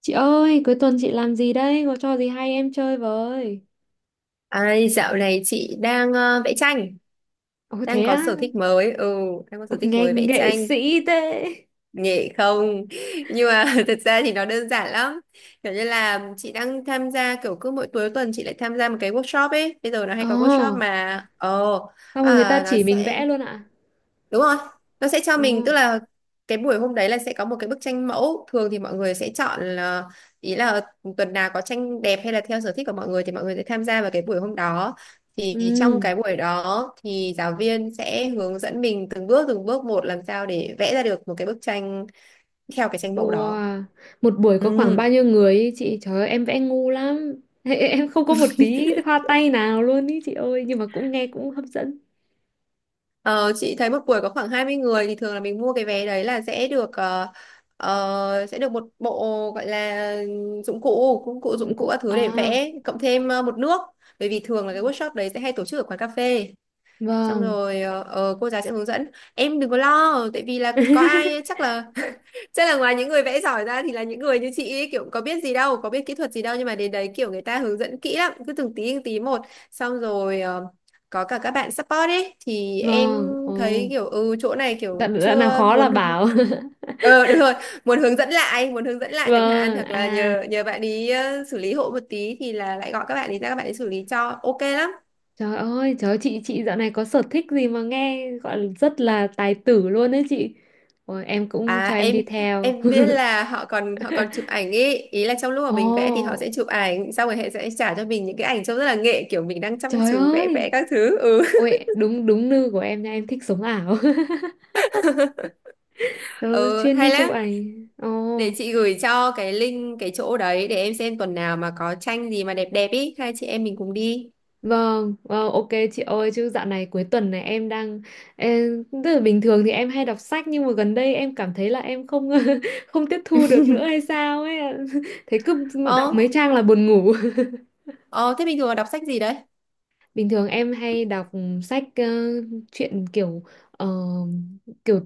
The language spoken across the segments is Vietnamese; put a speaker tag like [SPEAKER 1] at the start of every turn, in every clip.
[SPEAKER 1] Chị ơi, cuối tuần chị làm gì đây? Có trò gì hay em chơi với?
[SPEAKER 2] Ai, dạo này chị đang vẽ tranh,
[SPEAKER 1] Ồ,
[SPEAKER 2] đang
[SPEAKER 1] thế
[SPEAKER 2] có
[SPEAKER 1] á.
[SPEAKER 2] sở thích mới, đang có
[SPEAKER 1] Ồ,
[SPEAKER 2] sở thích
[SPEAKER 1] nghe
[SPEAKER 2] mới vẽ
[SPEAKER 1] nghệ
[SPEAKER 2] tranh,
[SPEAKER 1] sĩ thế.
[SPEAKER 2] nghệ không? Nhưng mà thật ra thì nó đơn giản lắm, kiểu như là chị đang tham gia kiểu cứ mỗi cuối tuần chị lại tham gia một cái workshop ấy, bây giờ nó hay
[SPEAKER 1] Ồ,
[SPEAKER 2] có workshop mà,
[SPEAKER 1] xong rồi người ta
[SPEAKER 2] à, nó
[SPEAKER 1] chỉ mình
[SPEAKER 2] sẽ.
[SPEAKER 1] vẽ luôn ạ.
[SPEAKER 2] Đúng rồi, nó sẽ cho
[SPEAKER 1] Ồ,
[SPEAKER 2] mình tức là cái buổi hôm đấy là sẽ có một cái bức tranh mẫu, thường thì mọi người sẽ chọn là ý là tuần nào có tranh đẹp hay là theo sở thích của mọi người thì mọi người sẽ tham gia vào cái buổi hôm đó. Thì trong
[SPEAKER 1] ừ,
[SPEAKER 2] cái buổi đó thì giáo viên sẽ hướng dẫn mình từng bước một làm sao để vẽ ra được một cái bức tranh theo cái tranh mẫu đó.
[SPEAKER 1] wow. Một buổi có khoảng
[SPEAKER 2] Ừ.
[SPEAKER 1] bao nhiêu người ý chị? Trời ơi, em vẽ ngu lắm. Em không có một tí hoa tay nào luôn ý chị ơi, nhưng mà cũng nghe cũng hấp dẫn.
[SPEAKER 2] Ờ, chị thấy một buổi có khoảng 20 người thì thường là mình mua cái vé đấy là sẽ được sẽ được một bộ gọi là dụng cụ dụng cụ
[SPEAKER 1] Dụng
[SPEAKER 2] dụng cụ
[SPEAKER 1] cụ.
[SPEAKER 2] các thứ
[SPEAKER 1] À,
[SPEAKER 2] để vẽ cộng thêm một nước, bởi vì thường là cái workshop đấy sẽ hay tổ chức ở quán cà phê, xong
[SPEAKER 1] vâng.
[SPEAKER 2] rồi cô giáo sẽ hướng dẫn em đừng có lo tại vì là có ai chắc là, chắc là ngoài những người vẽ giỏi ra thì là những người như chị ý, kiểu có biết gì đâu, có biết kỹ thuật gì đâu, nhưng mà đến đấy kiểu người ta hướng dẫn kỹ lắm, cứ từng tí một, xong rồi có cả các bạn support ấy, thì em
[SPEAKER 1] Vâng,
[SPEAKER 2] thấy
[SPEAKER 1] ồ.
[SPEAKER 2] kiểu ừ chỗ này kiểu
[SPEAKER 1] Đoạn nào
[SPEAKER 2] chưa
[SPEAKER 1] khó là
[SPEAKER 2] muốn.
[SPEAKER 1] bảo.
[SPEAKER 2] Ờ đúng rồi, muốn hướng dẫn lại, muốn hướng dẫn lại chẳng hạn,
[SPEAKER 1] Vâng,
[SPEAKER 2] hoặc là
[SPEAKER 1] à.
[SPEAKER 2] nhờ nhờ bạn ý xử lý hộ một tí, thì là lại gọi các bạn ý ra, các bạn ý xử lý cho, ok lắm.
[SPEAKER 1] Trời ơi, chị dạo này có sở thích gì mà nghe gọi là rất là tài tử luôn đấy chị. Ôi, em cũng cho
[SPEAKER 2] À,
[SPEAKER 1] em
[SPEAKER 2] em
[SPEAKER 1] đi theo.
[SPEAKER 2] em biết là họ còn chụp ảnh ý, ý là trong lúc mà mình vẽ thì họ sẽ
[SPEAKER 1] Ồ,
[SPEAKER 2] chụp ảnh, xong rồi họ sẽ trả cho mình những cái ảnh trông rất là nghệ, kiểu mình đang chăm
[SPEAKER 1] trời
[SPEAKER 2] chú vẽ vẽ
[SPEAKER 1] ơi.
[SPEAKER 2] các thứ. Ừ.
[SPEAKER 1] Ôi, đúng đúng nư của em nha, em thích sống ảo. Trời ơi,
[SPEAKER 2] Ừ
[SPEAKER 1] chuyên đi
[SPEAKER 2] hay
[SPEAKER 1] chụp
[SPEAKER 2] lắm.
[SPEAKER 1] ảnh. Ồ,
[SPEAKER 2] Để chị gửi cho cái link cái chỗ đấy để em xem tuần nào mà có tranh gì mà đẹp đẹp ý, hai chị em mình cùng đi.
[SPEAKER 1] vâng, ok chị ơi, chứ dạo này cuối tuần này tức là bình thường thì em hay đọc sách nhưng mà gần đây em cảm thấy là em không không tiếp thu được nữa hay sao ấy. Thấy cứ đọc
[SPEAKER 2] Ờ,
[SPEAKER 1] mấy trang là buồn ngủ.
[SPEAKER 2] ờ thế bình thường là đọc sách gì đấy?
[SPEAKER 1] Bình thường em hay đọc sách, truyện ờ, kiểu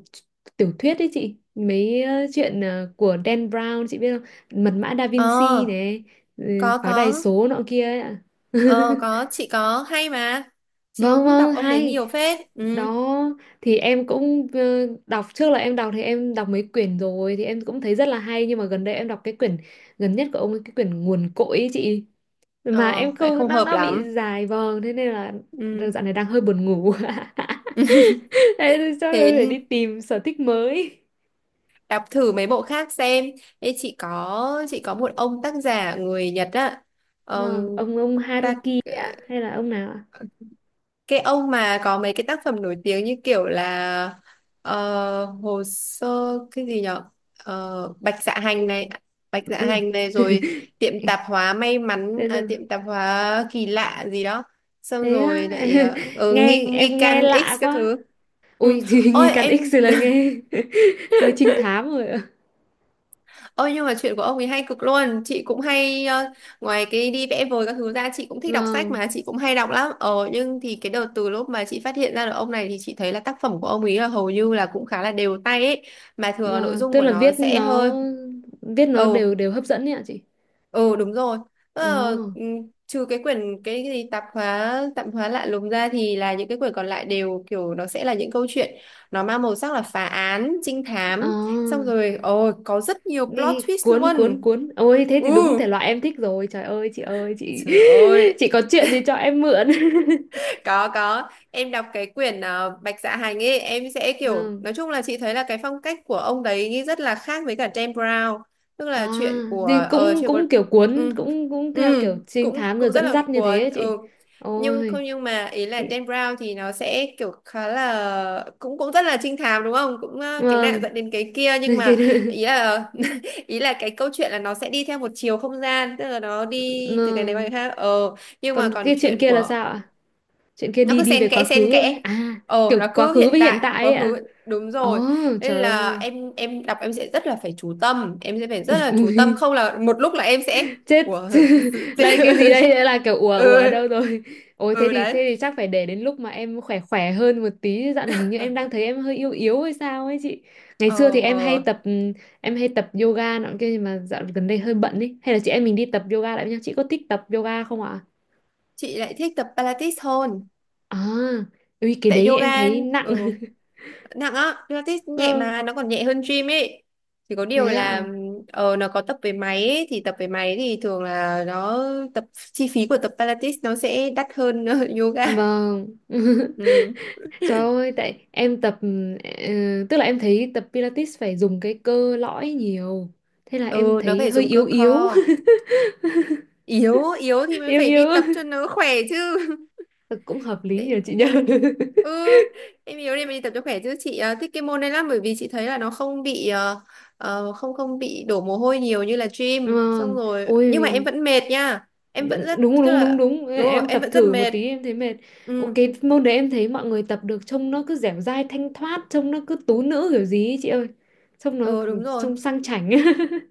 [SPEAKER 1] tiểu thuyết đấy chị. Mấy, chuyện, của Dan Brown chị biết không? Mật mã Da
[SPEAKER 2] Ờ,
[SPEAKER 1] Vinci này, ừ,
[SPEAKER 2] có
[SPEAKER 1] pháo đài
[SPEAKER 2] có.
[SPEAKER 1] số nọ kia ấy ạ.
[SPEAKER 2] Ờ có, chị có hay mà. Chị
[SPEAKER 1] Vâng,
[SPEAKER 2] cũng đọc
[SPEAKER 1] vâng,
[SPEAKER 2] ông đấy
[SPEAKER 1] hay.
[SPEAKER 2] nhiều phết. Ừ.
[SPEAKER 1] Đó thì em cũng, đọc, trước là em đọc thì em đọc mấy quyển rồi thì em cũng thấy rất là hay nhưng mà gần đây em đọc cái quyển gần nhất của ông ấy, cái quyển nguồn cội ấy chị, mà
[SPEAKER 2] Ờ,
[SPEAKER 1] em
[SPEAKER 2] lại
[SPEAKER 1] không,
[SPEAKER 2] không
[SPEAKER 1] nó
[SPEAKER 2] hợp
[SPEAKER 1] nó bị
[SPEAKER 2] lắm.
[SPEAKER 1] dài vòng thế nên là đợt
[SPEAKER 2] Ừ.
[SPEAKER 1] dạo này đang hơi buồn ngủ. Thế thì chắc
[SPEAKER 2] Thế
[SPEAKER 1] là phải đi tìm sở thích mới.
[SPEAKER 2] đọc thử mấy bộ khác xem. Ê, chị có, chị có một ông tác giả người Nhật á. Ờm,
[SPEAKER 1] Vâng, ông
[SPEAKER 2] ta,
[SPEAKER 1] Haruki ấy ạ hay là ông nào ạ?
[SPEAKER 2] cái ông mà có mấy cái tác phẩm nổi tiếng như kiểu là hồ sơ cái gì nhở. Ờ, Bạch Dạ Hành này, Bạch
[SPEAKER 1] Đúng
[SPEAKER 2] Dạ
[SPEAKER 1] rồi.
[SPEAKER 2] Hành này, rồi tiệm tạp hóa may mắn,
[SPEAKER 1] Tên
[SPEAKER 2] à,
[SPEAKER 1] rồi,
[SPEAKER 2] tiệm tạp hóa kỳ lạ gì đó, xong
[SPEAKER 1] thế á.
[SPEAKER 2] rồi lại nghi
[SPEAKER 1] nghe
[SPEAKER 2] nghi
[SPEAKER 1] em nghe
[SPEAKER 2] can
[SPEAKER 1] lạ
[SPEAKER 2] X các
[SPEAKER 1] quá.
[SPEAKER 2] thứ. Ừ.
[SPEAKER 1] Ui. Thì nghi
[SPEAKER 2] Ôi
[SPEAKER 1] can X
[SPEAKER 2] em.
[SPEAKER 1] rồi là nghe. Hơi trinh thám rồi ạ.
[SPEAKER 2] Ôi nhưng mà chuyện của ông ấy hay cực luôn. Chị cũng hay ngoài cái đi vẽ vời các thứ ra, chị cũng thích đọc sách
[SPEAKER 1] Vâng,
[SPEAKER 2] mà, chị cũng hay đọc lắm. Ờ nhưng thì cái đợt từ lúc mà chị phát hiện ra được ông này, thì chị thấy là tác phẩm của ông ấy là hầu như là cũng khá là đều tay ấy. Mà thường là nội
[SPEAKER 1] vâng,
[SPEAKER 2] dung
[SPEAKER 1] tức
[SPEAKER 2] của
[SPEAKER 1] là
[SPEAKER 2] nó
[SPEAKER 1] viết
[SPEAKER 2] sẽ
[SPEAKER 1] nó
[SPEAKER 2] hơi.
[SPEAKER 1] viết nó
[SPEAKER 2] Ừ.
[SPEAKER 1] đều đều hấp dẫn ấy ạ chị.
[SPEAKER 2] Ừ đúng rồi. Ờ, ừ,
[SPEAKER 1] Ồ,
[SPEAKER 2] trừ cái quyển cái gì tạp hóa lạ lùng ra thì là những cái quyển còn lại đều kiểu nó sẽ là những câu chuyện nó mang màu sắc là phá án, trinh
[SPEAKER 1] ồ.
[SPEAKER 2] thám. Xong rồi ồ có rất nhiều plot
[SPEAKER 1] Ê,
[SPEAKER 2] twist
[SPEAKER 1] cuốn cuốn
[SPEAKER 2] luôn.
[SPEAKER 1] cuốn, ôi thế thì
[SPEAKER 2] Ừ,
[SPEAKER 1] đúng thể loại em thích rồi, trời ơi, chị ơi chị.
[SPEAKER 2] trời ơi.
[SPEAKER 1] Chị có chuyện gì cho em mượn.
[SPEAKER 2] Có, em đọc cái quyển Bạch Dạ Hành ấy em sẽ kiểu,
[SPEAKER 1] Ừ.
[SPEAKER 2] nói chung là chị thấy là cái phong cách của ông đấy nghĩ rất là khác với cả Dan Brown, tức
[SPEAKER 1] À
[SPEAKER 2] là chuyện của,
[SPEAKER 1] thì
[SPEAKER 2] ờ
[SPEAKER 1] cũng
[SPEAKER 2] chuyện của,
[SPEAKER 1] cũng kiểu cuốn,
[SPEAKER 2] ừ,
[SPEAKER 1] cũng cũng theo
[SPEAKER 2] ừ,
[SPEAKER 1] kiểu trinh
[SPEAKER 2] cũng
[SPEAKER 1] thám rồi
[SPEAKER 2] cũng rất
[SPEAKER 1] dẫn
[SPEAKER 2] là
[SPEAKER 1] dắt như thế
[SPEAKER 2] cuốn
[SPEAKER 1] ấy chị.
[SPEAKER 2] ừ. Nhưng
[SPEAKER 1] Ôi,
[SPEAKER 2] không, nhưng mà ý là
[SPEAKER 1] thì-
[SPEAKER 2] Dan Brown thì nó sẽ kiểu khá là cũng cũng rất là trinh thám đúng không, cũng cái nạn
[SPEAKER 1] vâng.
[SPEAKER 2] dẫn đến cái kia, nhưng
[SPEAKER 1] cái
[SPEAKER 2] mà ý là ý là cái câu chuyện là nó sẽ đi theo một chiều không gian, tức là nó đi từ cái này qua cái
[SPEAKER 1] vâng.
[SPEAKER 2] khác. Ờ nhưng mà
[SPEAKER 1] Còn
[SPEAKER 2] còn
[SPEAKER 1] cái chuyện
[SPEAKER 2] chuyện
[SPEAKER 1] kia là
[SPEAKER 2] của,
[SPEAKER 1] sao ạ? Chuyện kia
[SPEAKER 2] nó
[SPEAKER 1] đi
[SPEAKER 2] cứ
[SPEAKER 1] đi
[SPEAKER 2] xen
[SPEAKER 1] về quá
[SPEAKER 2] kẽ xen
[SPEAKER 1] khứ
[SPEAKER 2] kẽ,
[SPEAKER 1] à?
[SPEAKER 2] ờ
[SPEAKER 1] Kiểu
[SPEAKER 2] nó
[SPEAKER 1] quá
[SPEAKER 2] cứ
[SPEAKER 1] khứ
[SPEAKER 2] hiện
[SPEAKER 1] với hiện
[SPEAKER 2] tại
[SPEAKER 1] tại
[SPEAKER 2] quá
[SPEAKER 1] ấy
[SPEAKER 2] khứ,
[SPEAKER 1] ạ.
[SPEAKER 2] đúng
[SPEAKER 1] Ồ,
[SPEAKER 2] rồi. Nên
[SPEAKER 1] trời
[SPEAKER 2] là
[SPEAKER 1] ơi.
[SPEAKER 2] em đọc em sẽ rất là phải chú tâm, em sẽ phải rất là chú tâm, không là một lúc là em sẽ
[SPEAKER 1] Chết.
[SPEAKER 2] ủa cứ sự-
[SPEAKER 1] Là cái gì đây? Đã là kiểu ủa,
[SPEAKER 2] ừ.
[SPEAKER 1] ủa ở đâu rồi. Ôi thế
[SPEAKER 2] Ừ
[SPEAKER 1] thì
[SPEAKER 2] đấy.
[SPEAKER 1] thế thì chắc phải để đến lúc mà em khỏe khỏe hơn một tí, dạo này hình như em đang thấy em hơi yếu yếu hay sao ấy chị. Ngày xưa thì
[SPEAKER 2] Ờ
[SPEAKER 1] em hay
[SPEAKER 2] ờ,
[SPEAKER 1] tập em hay tập yoga nọ kia nhưng mà dạo gần đây hơi bận ấy, hay là chị em mình đi tập yoga lại với nhau, chị có thích tập yoga không ạ?
[SPEAKER 2] chị lại thích tập Pilates hơn.
[SPEAKER 1] À, ui cái
[SPEAKER 2] Tại
[SPEAKER 1] đấy em
[SPEAKER 2] yoga,
[SPEAKER 1] thấy nặng.
[SPEAKER 2] ừ, nặng á, Pilates nhẹ
[SPEAKER 1] Vâng,
[SPEAKER 2] mà, nó còn nhẹ hơn gym ấy, chỉ có điều
[SPEAKER 1] thế
[SPEAKER 2] là
[SPEAKER 1] ạ.
[SPEAKER 2] nó có tập với máy ấy, thì tập với máy thì thường là nó tập, chi phí của tập Pilates nó sẽ đắt hơn yoga.
[SPEAKER 1] Vâng.
[SPEAKER 2] Ừ.
[SPEAKER 1] Trời ơi, tại em tập, ờ, tức là em thấy tập Pilates phải dùng cái cơ lõi nhiều. Thế là em
[SPEAKER 2] Ừ nó
[SPEAKER 1] thấy
[SPEAKER 2] phải
[SPEAKER 1] hơi
[SPEAKER 2] dùng cơ
[SPEAKER 1] yếu yếu.
[SPEAKER 2] core. Yếu yếu thì mới
[SPEAKER 1] Yếu
[SPEAKER 2] phải đi
[SPEAKER 1] yếu.
[SPEAKER 2] tập cho nó khỏe chứ.
[SPEAKER 1] Ừ, cũng hợp lý nhờ
[SPEAKER 2] Để...
[SPEAKER 1] chị nhờ.
[SPEAKER 2] Ừ, em yếu đi mình đi tập cho khỏe chứ, chị thích cái môn này lắm bởi vì chị thấy là nó không bị không không bị đổ mồ hôi nhiều như là gym, xong
[SPEAKER 1] Vâng.
[SPEAKER 2] rồi nhưng mà em
[SPEAKER 1] Ôi,
[SPEAKER 2] vẫn mệt nha, em vẫn rất
[SPEAKER 1] đúng
[SPEAKER 2] tức
[SPEAKER 1] đúng đúng
[SPEAKER 2] là,
[SPEAKER 1] đúng,
[SPEAKER 2] đúng rồi
[SPEAKER 1] em
[SPEAKER 2] em
[SPEAKER 1] tập
[SPEAKER 2] vẫn rất
[SPEAKER 1] thử một
[SPEAKER 2] mệt.
[SPEAKER 1] tí em thấy mệt. Ok,
[SPEAKER 2] Ừ.
[SPEAKER 1] môn đấy em thấy mọi người tập được trông nó cứ dẻo dai thanh thoát, trông nó cứ tú nữ kiểu gì ấy, chị ơi. Trông nó
[SPEAKER 2] Ừ đúng rồi.
[SPEAKER 1] trông sang chảnh.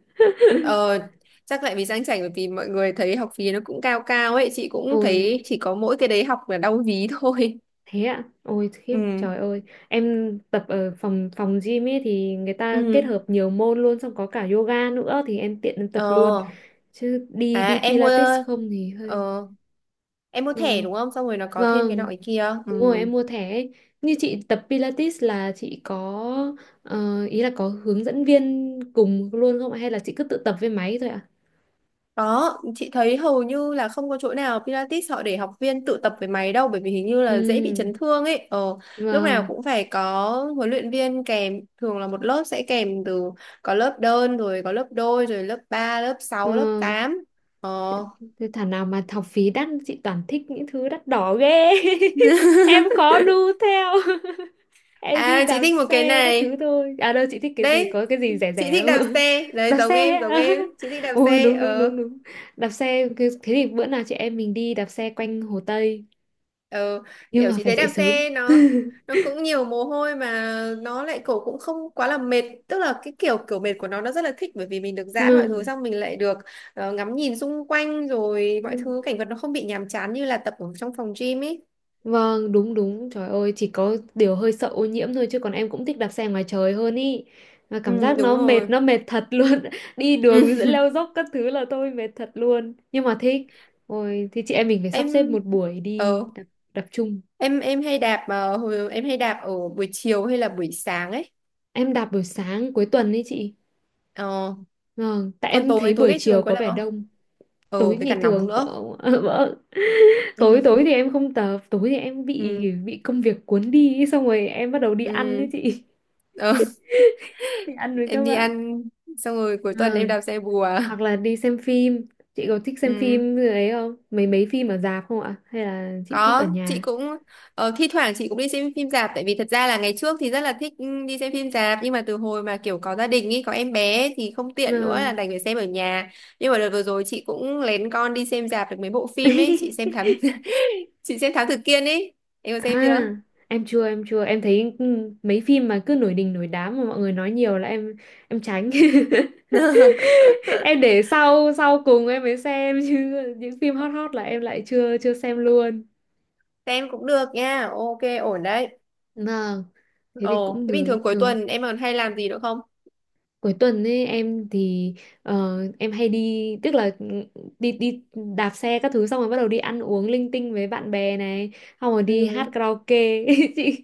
[SPEAKER 2] Ờ chắc lại vì sang chảnh, bởi vì mọi người thấy học phí nó cũng cao cao ấy, chị cũng
[SPEAKER 1] Ôi,
[SPEAKER 2] thấy chỉ có mỗi cái đấy học là đau ví thôi.
[SPEAKER 1] thế ạ? Ôi khiếp,
[SPEAKER 2] Ừ.
[SPEAKER 1] trời ơi. Em tập ở phòng phòng gym ấy thì người ta kết
[SPEAKER 2] ừ
[SPEAKER 1] hợp nhiều môn luôn, xong có cả yoga nữa thì em tiện em tập luôn.
[SPEAKER 2] ờ
[SPEAKER 1] Chứ đi đi
[SPEAKER 2] em
[SPEAKER 1] Pilates
[SPEAKER 2] mua,
[SPEAKER 1] không thì hơi.
[SPEAKER 2] ờ em mua thẻ
[SPEAKER 1] Ừ.
[SPEAKER 2] đúng không, xong rồi nó có thêm cái nọ
[SPEAKER 1] Vâng,
[SPEAKER 2] cái kia ừ.
[SPEAKER 1] đúng rồi em mua thẻ ấy. Như chị tập Pilates là chị có, ý là có hướng dẫn viên cùng luôn không ạ? Hay là chị cứ tự tập với máy thôi ạ?
[SPEAKER 2] Đó chị thấy hầu như là không có chỗ nào Pilates họ để học viên tự tập với máy đâu, bởi vì hình như là dễ bị
[SPEAKER 1] Ừ,
[SPEAKER 2] chấn thương ấy. Ờ lúc nào
[SPEAKER 1] vâng.
[SPEAKER 2] cũng phải có huấn luyện viên kèm, thường là một lớp sẽ kèm từ, có lớp đơn rồi có lớp đôi rồi lớp 3, lớp sáu, lớp
[SPEAKER 1] Ừ.
[SPEAKER 2] tám. ờ
[SPEAKER 1] Thế thảo nào mà học phí đắt, chị toàn thích những thứ đắt đỏ ghê. Em khó đu theo. Em đi
[SPEAKER 2] chị
[SPEAKER 1] đạp
[SPEAKER 2] thích một cái
[SPEAKER 1] xe các thứ
[SPEAKER 2] này,
[SPEAKER 1] thôi, à đâu chị thích cái gì,
[SPEAKER 2] đấy,
[SPEAKER 1] có cái gì rẻ
[SPEAKER 2] chị
[SPEAKER 1] rẻ
[SPEAKER 2] thích đạp
[SPEAKER 1] không?
[SPEAKER 2] xe đấy,
[SPEAKER 1] Đạp
[SPEAKER 2] giống
[SPEAKER 1] xe
[SPEAKER 2] em, giống
[SPEAKER 1] á.
[SPEAKER 2] em, chị thích đạp
[SPEAKER 1] Ôi
[SPEAKER 2] xe.
[SPEAKER 1] đúng đúng đúng
[SPEAKER 2] Ờ.
[SPEAKER 1] đúng, đạp xe thế thì bữa nào chị em mình đi đạp xe quanh Hồ Tây,
[SPEAKER 2] Ừ,
[SPEAKER 1] nhưng
[SPEAKER 2] kiểu
[SPEAKER 1] mà
[SPEAKER 2] chị
[SPEAKER 1] phải
[SPEAKER 2] thấy
[SPEAKER 1] dậy
[SPEAKER 2] đạp
[SPEAKER 1] sớm.
[SPEAKER 2] xe nó cũng nhiều mồ hôi mà, nó lại cổ cũng không quá là mệt, tức là cái kiểu kiểu mệt của nó rất là thích, bởi vì mình được giãn mọi thứ, xong mình lại được ngắm nhìn xung quanh rồi mọi
[SPEAKER 1] Ừ.
[SPEAKER 2] thứ cảnh vật nó không bị nhàm chán như là tập ở trong phòng gym ấy.
[SPEAKER 1] Vâng, đúng đúng. Trời ơi, chỉ có điều hơi sợ ô nhiễm thôi, chứ còn em cũng thích đạp xe ngoài trời hơn ý. Mà cảm
[SPEAKER 2] Ừ,
[SPEAKER 1] giác
[SPEAKER 2] đúng rồi.
[SPEAKER 1] nó mệt thật luôn. Đi đường giữa
[SPEAKER 2] Ừ.
[SPEAKER 1] leo dốc các thứ là tôi mệt thật luôn. Nhưng mà thích. Ôi, thì chị em mình phải sắp xếp
[SPEAKER 2] Em
[SPEAKER 1] một buổi đi
[SPEAKER 2] ờ
[SPEAKER 1] đạp, đạp chung.
[SPEAKER 2] em hay đạp em hay đạp ở buổi chiều hay là buổi sáng ấy.
[SPEAKER 1] Em đạp buổi sáng cuối tuần ấy chị.
[SPEAKER 2] Ờ,
[SPEAKER 1] Vâng, tại
[SPEAKER 2] còn
[SPEAKER 1] em
[SPEAKER 2] tối
[SPEAKER 1] thấy
[SPEAKER 2] tối
[SPEAKER 1] buổi
[SPEAKER 2] ngày
[SPEAKER 1] chiều
[SPEAKER 2] thường có
[SPEAKER 1] có
[SPEAKER 2] đạp
[SPEAKER 1] vẻ
[SPEAKER 2] không?
[SPEAKER 1] đông.
[SPEAKER 2] Ờ
[SPEAKER 1] Tối
[SPEAKER 2] với
[SPEAKER 1] ngày
[SPEAKER 2] cả nóng
[SPEAKER 1] thường
[SPEAKER 2] nữa.
[SPEAKER 1] không. Vâng. Tối
[SPEAKER 2] Ừ.
[SPEAKER 1] tối thì em không tập, tối thì em bị
[SPEAKER 2] Ừ.
[SPEAKER 1] bị công việc cuốn đi ý, xong rồi em bắt đầu đi ăn
[SPEAKER 2] Ừ.
[SPEAKER 1] ấy chị.
[SPEAKER 2] Ờ.
[SPEAKER 1] Đi ăn với các
[SPEAKER 2] Em đi
[SPEAKER 1] bạn.
[SPEAKER 2] ăn, xong rồi cuối tuần em
[SPEAKER 1] Ờ,
[SPEAKER 2] đạp xe bùa.
[SPEAKER 1] hoặc là đi xem phim. Chị có thích xem
[SPEAKER 2] Ừ,
[SPEAKER 1] phim như ấy không, mấy mấy phim ở rạp không ạ, hay là chị thích ở
[SPEAKER 2] có chị
[SPEAKER 1] nhà?
[SPEAKER 2] cũng thi thoảng chị cũng đi xem phim rạp, tại vì thật ra là ngày trước thì rất là thích, ừ, đi xem phim rạp, nhưng mà từ hồi mà kiểu có gia đình ý, có em bé ấy, thì không tiện nữa, là
[SPEAKER 1] Vâng.
[SPEAKER 2] đành phải xem ở nhà. Nhưng mà đợt vừa rồi chị cũng lén con đi xem rạp được mấy bộ phim ấy, chị xem thám chị xem Thám Tử Kiên ấy, em có xem
[SPEAKER 1] À
[SPEAKER 2] chưa?
[SPEAKER 1] em chưa em thấy, mấy phim mà cứ nổi đình nổi đám mà mọi người nói nhiều là em tránh. Em để sau sau cùng em mới xem chứ, những phim hot hot là em lại chưa chưa xem luôn.
[SPEAKER 2] Xem cũng được nha, ok ổn đấy.
[SPEAKER 1] Vâng, thế thì
[SPEAKER 2] Ồ
[SPEAKER 1] cũng
[SPEAKER 2] thế bình
[SPEAKER 1] được
[SPEAKER 2] thường cuối
[SPEAKER 1] chưa.
[SPEAKER 2] tuần em còn hay làm gì nữa không?
[SPEAKER 1] Cuối tuần ấy em thì, em hay đi, tức là, đi đi đạp xe các thứ, xong rồi bắt đầu đi ăn uống linh tinh với bạn bè này, xong rồi đi
[SPEAKER 2] Ừ.
[SPEAKER 1] hát karaoke. Chị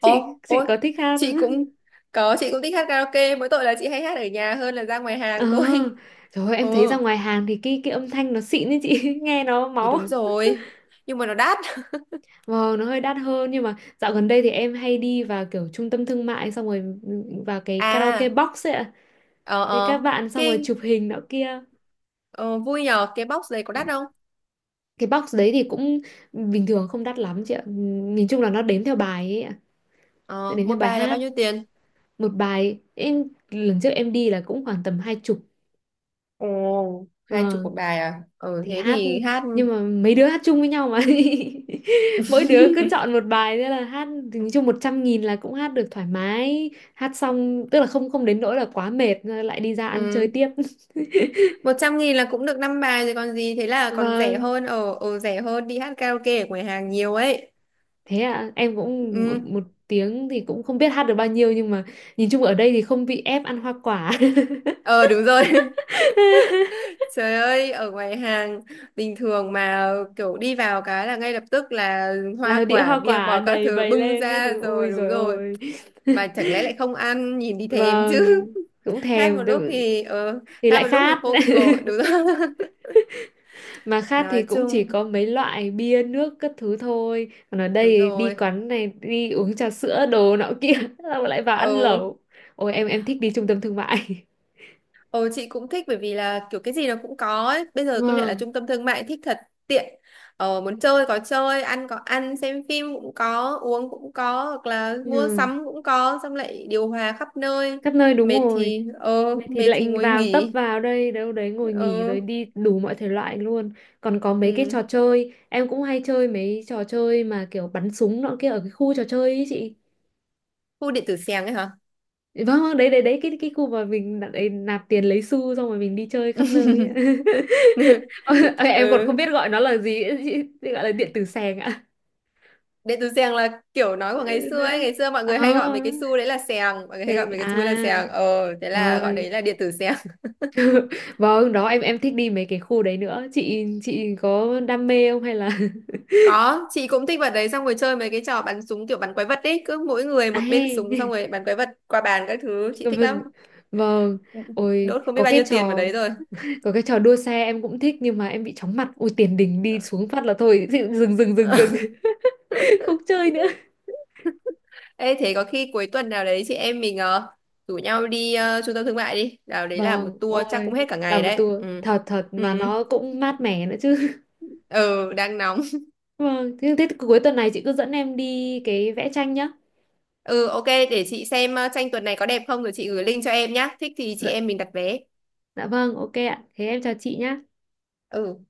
[SPEAKER 1] chị chị
[SPEAKER 2] ôi,
[SPEAKER 1] có thích hát
[SPEAKER 2] chị
[SPEAKER 1] không?
[SPEAKER 2] cũng có, chị cũng thích hát karaoke, mỗi tội là chị hay hát ở nhà hơn là ra ngoài
[SPEAKER 1] Ờ.
[SPEAKER 2] hàng thôi.
[SPEAKER 1] Trời ơi, em thấy ra
[SPEAKER 2] Ừ,
[SPEAKER 1] ngoài hàng thì cái âm thanh nó xịn ấy chị, nghe nó
[SPEAKER 2] thì
[SPEAKER 1] máu.
[SPEAKER 2] đúng rồi. Nhưng mà nó đắt.
[SPEAKER 1] Vâng, nó hơi đắt hơn nhưng mà dạo gần đây thì em hay đi vào kiểu trung tâm thương mại xong rồi, vào cái karaoke
[SPEAKER 2] À,
[SPEAKER 1] box ấy ạ.
[SPEAKER 2] ờ
[SPEAKER 1] Thì các
[SPEAKER 2] ờ,
[SPEAKER 1] bạn xong rồi
[SPEAKER 2] kinh,
[SPEAKER 1] chụp hình nọ kia.
[SPEAKER 2] ờ, vui nhờ, cái box này có đắt không?
[SPEAKER 1] Cái box đấy thì cũng bình thường không đắt lắm chị ạ. Nhìn chung là nó đếm theo bài ấy ạ. Nó
[SPEAKER 2] Ờ,
[SPEAKER 1] đếm
[SPEAKER 2] một
[SPEAKER 1] theo bài
[SPEAKER 2] bài là bao
[SPEAKER 1] hát,
[SPEAKER 2] nhiêu tiền?
[SPEAKER 1] một bài em lần trước em đi là cũng khoảng tầm 20.
[SPEAKER 2] Ồ, 20
[SPEAKER 1] Ờ,
[SPEAKER 2] một bài à? Ờ,
[SPEAKER 1] thì
[SPEAKER 2] thế
[SPEAKER 1] hát,
[SPEAKER 2] thì hát,
[SPEAKER 1] nhưng mà mấy đứa hát chung với nhau mà, mỗi đứa cứ chọn một bài thế là hát, thì nói chung 100.000 là cũng hát được thoải mái, hát xong tức là không không đến nỗi là quá mệt rồi lại đi ra ăn chơi
[SPEAKER 2] ừ,
[SPEAKER 1] tiếp.
[SPEAKER 2] 100.000 là cũng được năm bài rồi còn gì, thế là còn rẻ
[SPEAKER 1] Vâng.
[SPEAKER 2] hơn, rẻ hơn đi hát karaoke ở ngoài hàng nhiều ấy.
[SPEAKER 1] Thế à, em cũng một,
[SPEAKER 2] Ừ,
[SPEAKER 1] một tiếng thì cũng không biết hát được bao nhiêu nhưng mà nhìn chung ở đây thì không bị ép ăn hoa quả.
[SPEAKER 2] ờ, đúng rồi. Trời ơi, ở ngoài hàng bình thường mà kiểu đi vào cái là ngay lập tức là
[SPEAKER 1] Là
[SPEAKER 2] hoa
[SPEAKER 1] đĩa
[SPEAKER 2] quả,
[SPEAKER 1] hoa
[SPEAKER 2] bia
[SPEAKER 1] quả
[SPEAKER 2] bò các
[SPEAKER 1] đầy
[SPEAKER 2] thứ
[SPEAKER 1] bày
[SPEAKER 2] bưng
[SPEAKER 1] lên các
[SPEAKER 2] ra
[SPEAKER 1] thứ. Ôi
[SPEAKER 2] rồi, đúng
[SPEAKER 1] rồi
[SPEAKER 2] rồi.
[SPEAKER 1] ôi.
[SPEAKER 2] Mà chẳng lẽ lại không ăn, nhìn thì thèm chứ.
[SPEAKER 1] Vâng, cũng
[SPEAKER 2] Hát một
[SPEAKER 1] thèm,
[SPEAKER 2] lúc thì,
[SPEAKER 1] thì
[SPEAKER 2] hát
[SPEAKER 1] lại
[SPEAKER 2] một lúc thì
[SPEAKER 1] khát.
[SPEAKER 2] khô cội, đúng rồi.
[SPEAKER 1] Mà khát thì
[SPEAKER 2] Nói
[SPEAKER 1] cũng chỉ
[SPEAKER 2] chung,
[SPEAKER 1] có mấy loại bia nước các thứ thôi. Còn ở
[SPEAKER 2] đúng
[SPEAKER 1] đây đi
[SPEAKER 2] rồi.
[SPEAKER 1] quán này đi uống trà sữa đồ nọ kia, xong lại vào ăn
[SPEAKER 2] Ừ.
[SPEAKER 1] lẩu. Ôi em thích đi trung tâm thương mại.
[SPEAKER 2] Ồ chị cũng thích bởi vì là kiểu cái gì nó cũng có ấy. Bây giờ công nhận là
[SPEAKER 1] Vâng.
[SPEAKER 2] trung tâm thương mại thích thật, tiện. Ờ, muốn chơi có chơi, ăn có ăn, xem phim cũng có, uống cũng có, hoặc là mua
[SPEAKER 1] Ừ.
[SPEAKER 2] sắm cũng có, xong lại điều hòa khắp nơi.
[SPEAKER 1] Khắp nơi đúng
[SPEAKER 2] Mệt
[SPEAKER 1] rồi.
[SPEAKER 2] thì
[SPEAKER 1] Vậy thì
[SPEAKER 2] mệt thì
[SPEAKER 1] lệnh
[SPEAKER 2] ngồi
[SPEAKER 1] vào tấp
[SPEAKER 2] nghỉ.
[SPEAKER 1] vào đây đâu đấy ngồi nghỉ
[SPEAKER 2] Ờ
[SPEAKER 1] rồi đi đủ mọi thể loại luôn. Còn có mấy cái
[SPEAKER 2] ừ.
[SPEAKER 1] trò chơi em cũng hay chơi, mấy trò chơi mà kiểu bắn súng nọ kia ở cái khu trò chơi ấy chị.
[SPEAKER 2] Khu điện tử xèng ấy hả?
[SPEAKER 1] Vâng, vâng, đấy đấy đấy, cái khu mà mình đặt ấy, nạp tiền lấy xu xong rồi mình đi chơi khắp nơi ấy. Ờ, em còn không
[SPEAKER 2] Ừ.
[SPEAKER 1] biết gọi nó là gì ấy, chị. Chị gọi là điện tử sèng ạ?
[SPEAKER 2] Điện tử xèng là kiểu nói
[SPEAKER 1] Ừ,
[SPEAKER 2] của ngày xưa
[SPEAKER 1] đấy.
[SPEAKER 2] ấy, ngày xưa mọi
[SPEAKER 1] À,
[SPEAKER 2] người hay gọi mấy cái xu đấy là xèng, mọi người hay gọi
[SPEAKER 1] sèng
[SPEAKER 2] mấy cái
[SPEAKER 1] à,
[SPEAKER 2] xu đấy là xèng. Ờ thế là gọi
[SPEAKER 1] trời.
[SPEAKER 2] đấy là điện tử xèng.
[SPEAKER 1] Vâng, đó em thích đi mấy cái khu đấy nữa. Chị có đam mê không hay là.
[SPEAKER 2] Có, chị cũng thích vật đấy, xong rồi chơi mấy cái trò bắn súng kiểu bắn quái vật đấy, cứ mỗi người
[SPEAKER 1] À
[SPEAKER 2] một bên súng, xong
[SPEAKER 1] he.
[SPEAKER 2] rồi bắn quái vật qua bàn các thứ, chị
[SPEAKER 1] Vâng.
[SPEAKER 2] thích
[SPEAKER 1] Vâng.
[SPEAKER 2] lắm.
[SPEAKER 1] Vâng. Ôi,
[SPEAKER 2] Đốt không biết
[SPEAKER 1] có
[SPEAKER 2] bao
[SPEAKER 1] cái
[SPEAKER 2] nhiêu tiền vào
[SPEAKER 1] trò
[SPEAKER 2] đấy rồi.
[SPEAKER 1] có cái trò đua xe em cũng thích nhưng mà em bị chóng mặt. Ôi tiền đình đi xuống phát là thôi, dừng dừng dừng dừng dừng. Không chơi nữa.
[SPEAKER 2] Ê thế có khi cuối tuần nào đấy chị em mình rủ nhau đi trung tâm thương mại đi, nào đấy là một
[SPEAKER 1] Vâng,
[SPEAKER 2] tour chắc
[SPEAKER 1] ôi
[SPEAKER 2] cũng hết cả ngày
[SPEAKER 1] làm một
[SPEAKER 2] đấy.
[SPEAKER 1] tour
[SPEAKER 2] Ừ.
[SPEAKER 1] thật thật mà
[SPEAKER 2] Ừ,
[SPEAKER 1] nó cũng mát mẻ nữa chứ.
[SPEAKER 2] ừ đang nóng.
[SPEAKER 1] Vâng, thế cuối tuần này chị cứ dẫn em đi cái vẽ tranh nhá.
[SPEAKER 2] Ừ ok để chị xem tranh tuần này có đẹp không rồi chị gửi link cho em nhá. Thích thì chị
[SPEAKER 1] Dạ,
[SPEAKER 2] em mình đặt vé.
[SPEAKER 1] dạ vâng, ok ạ. Thế em chào chị nhá.
[SPEAKER 2] Ừ.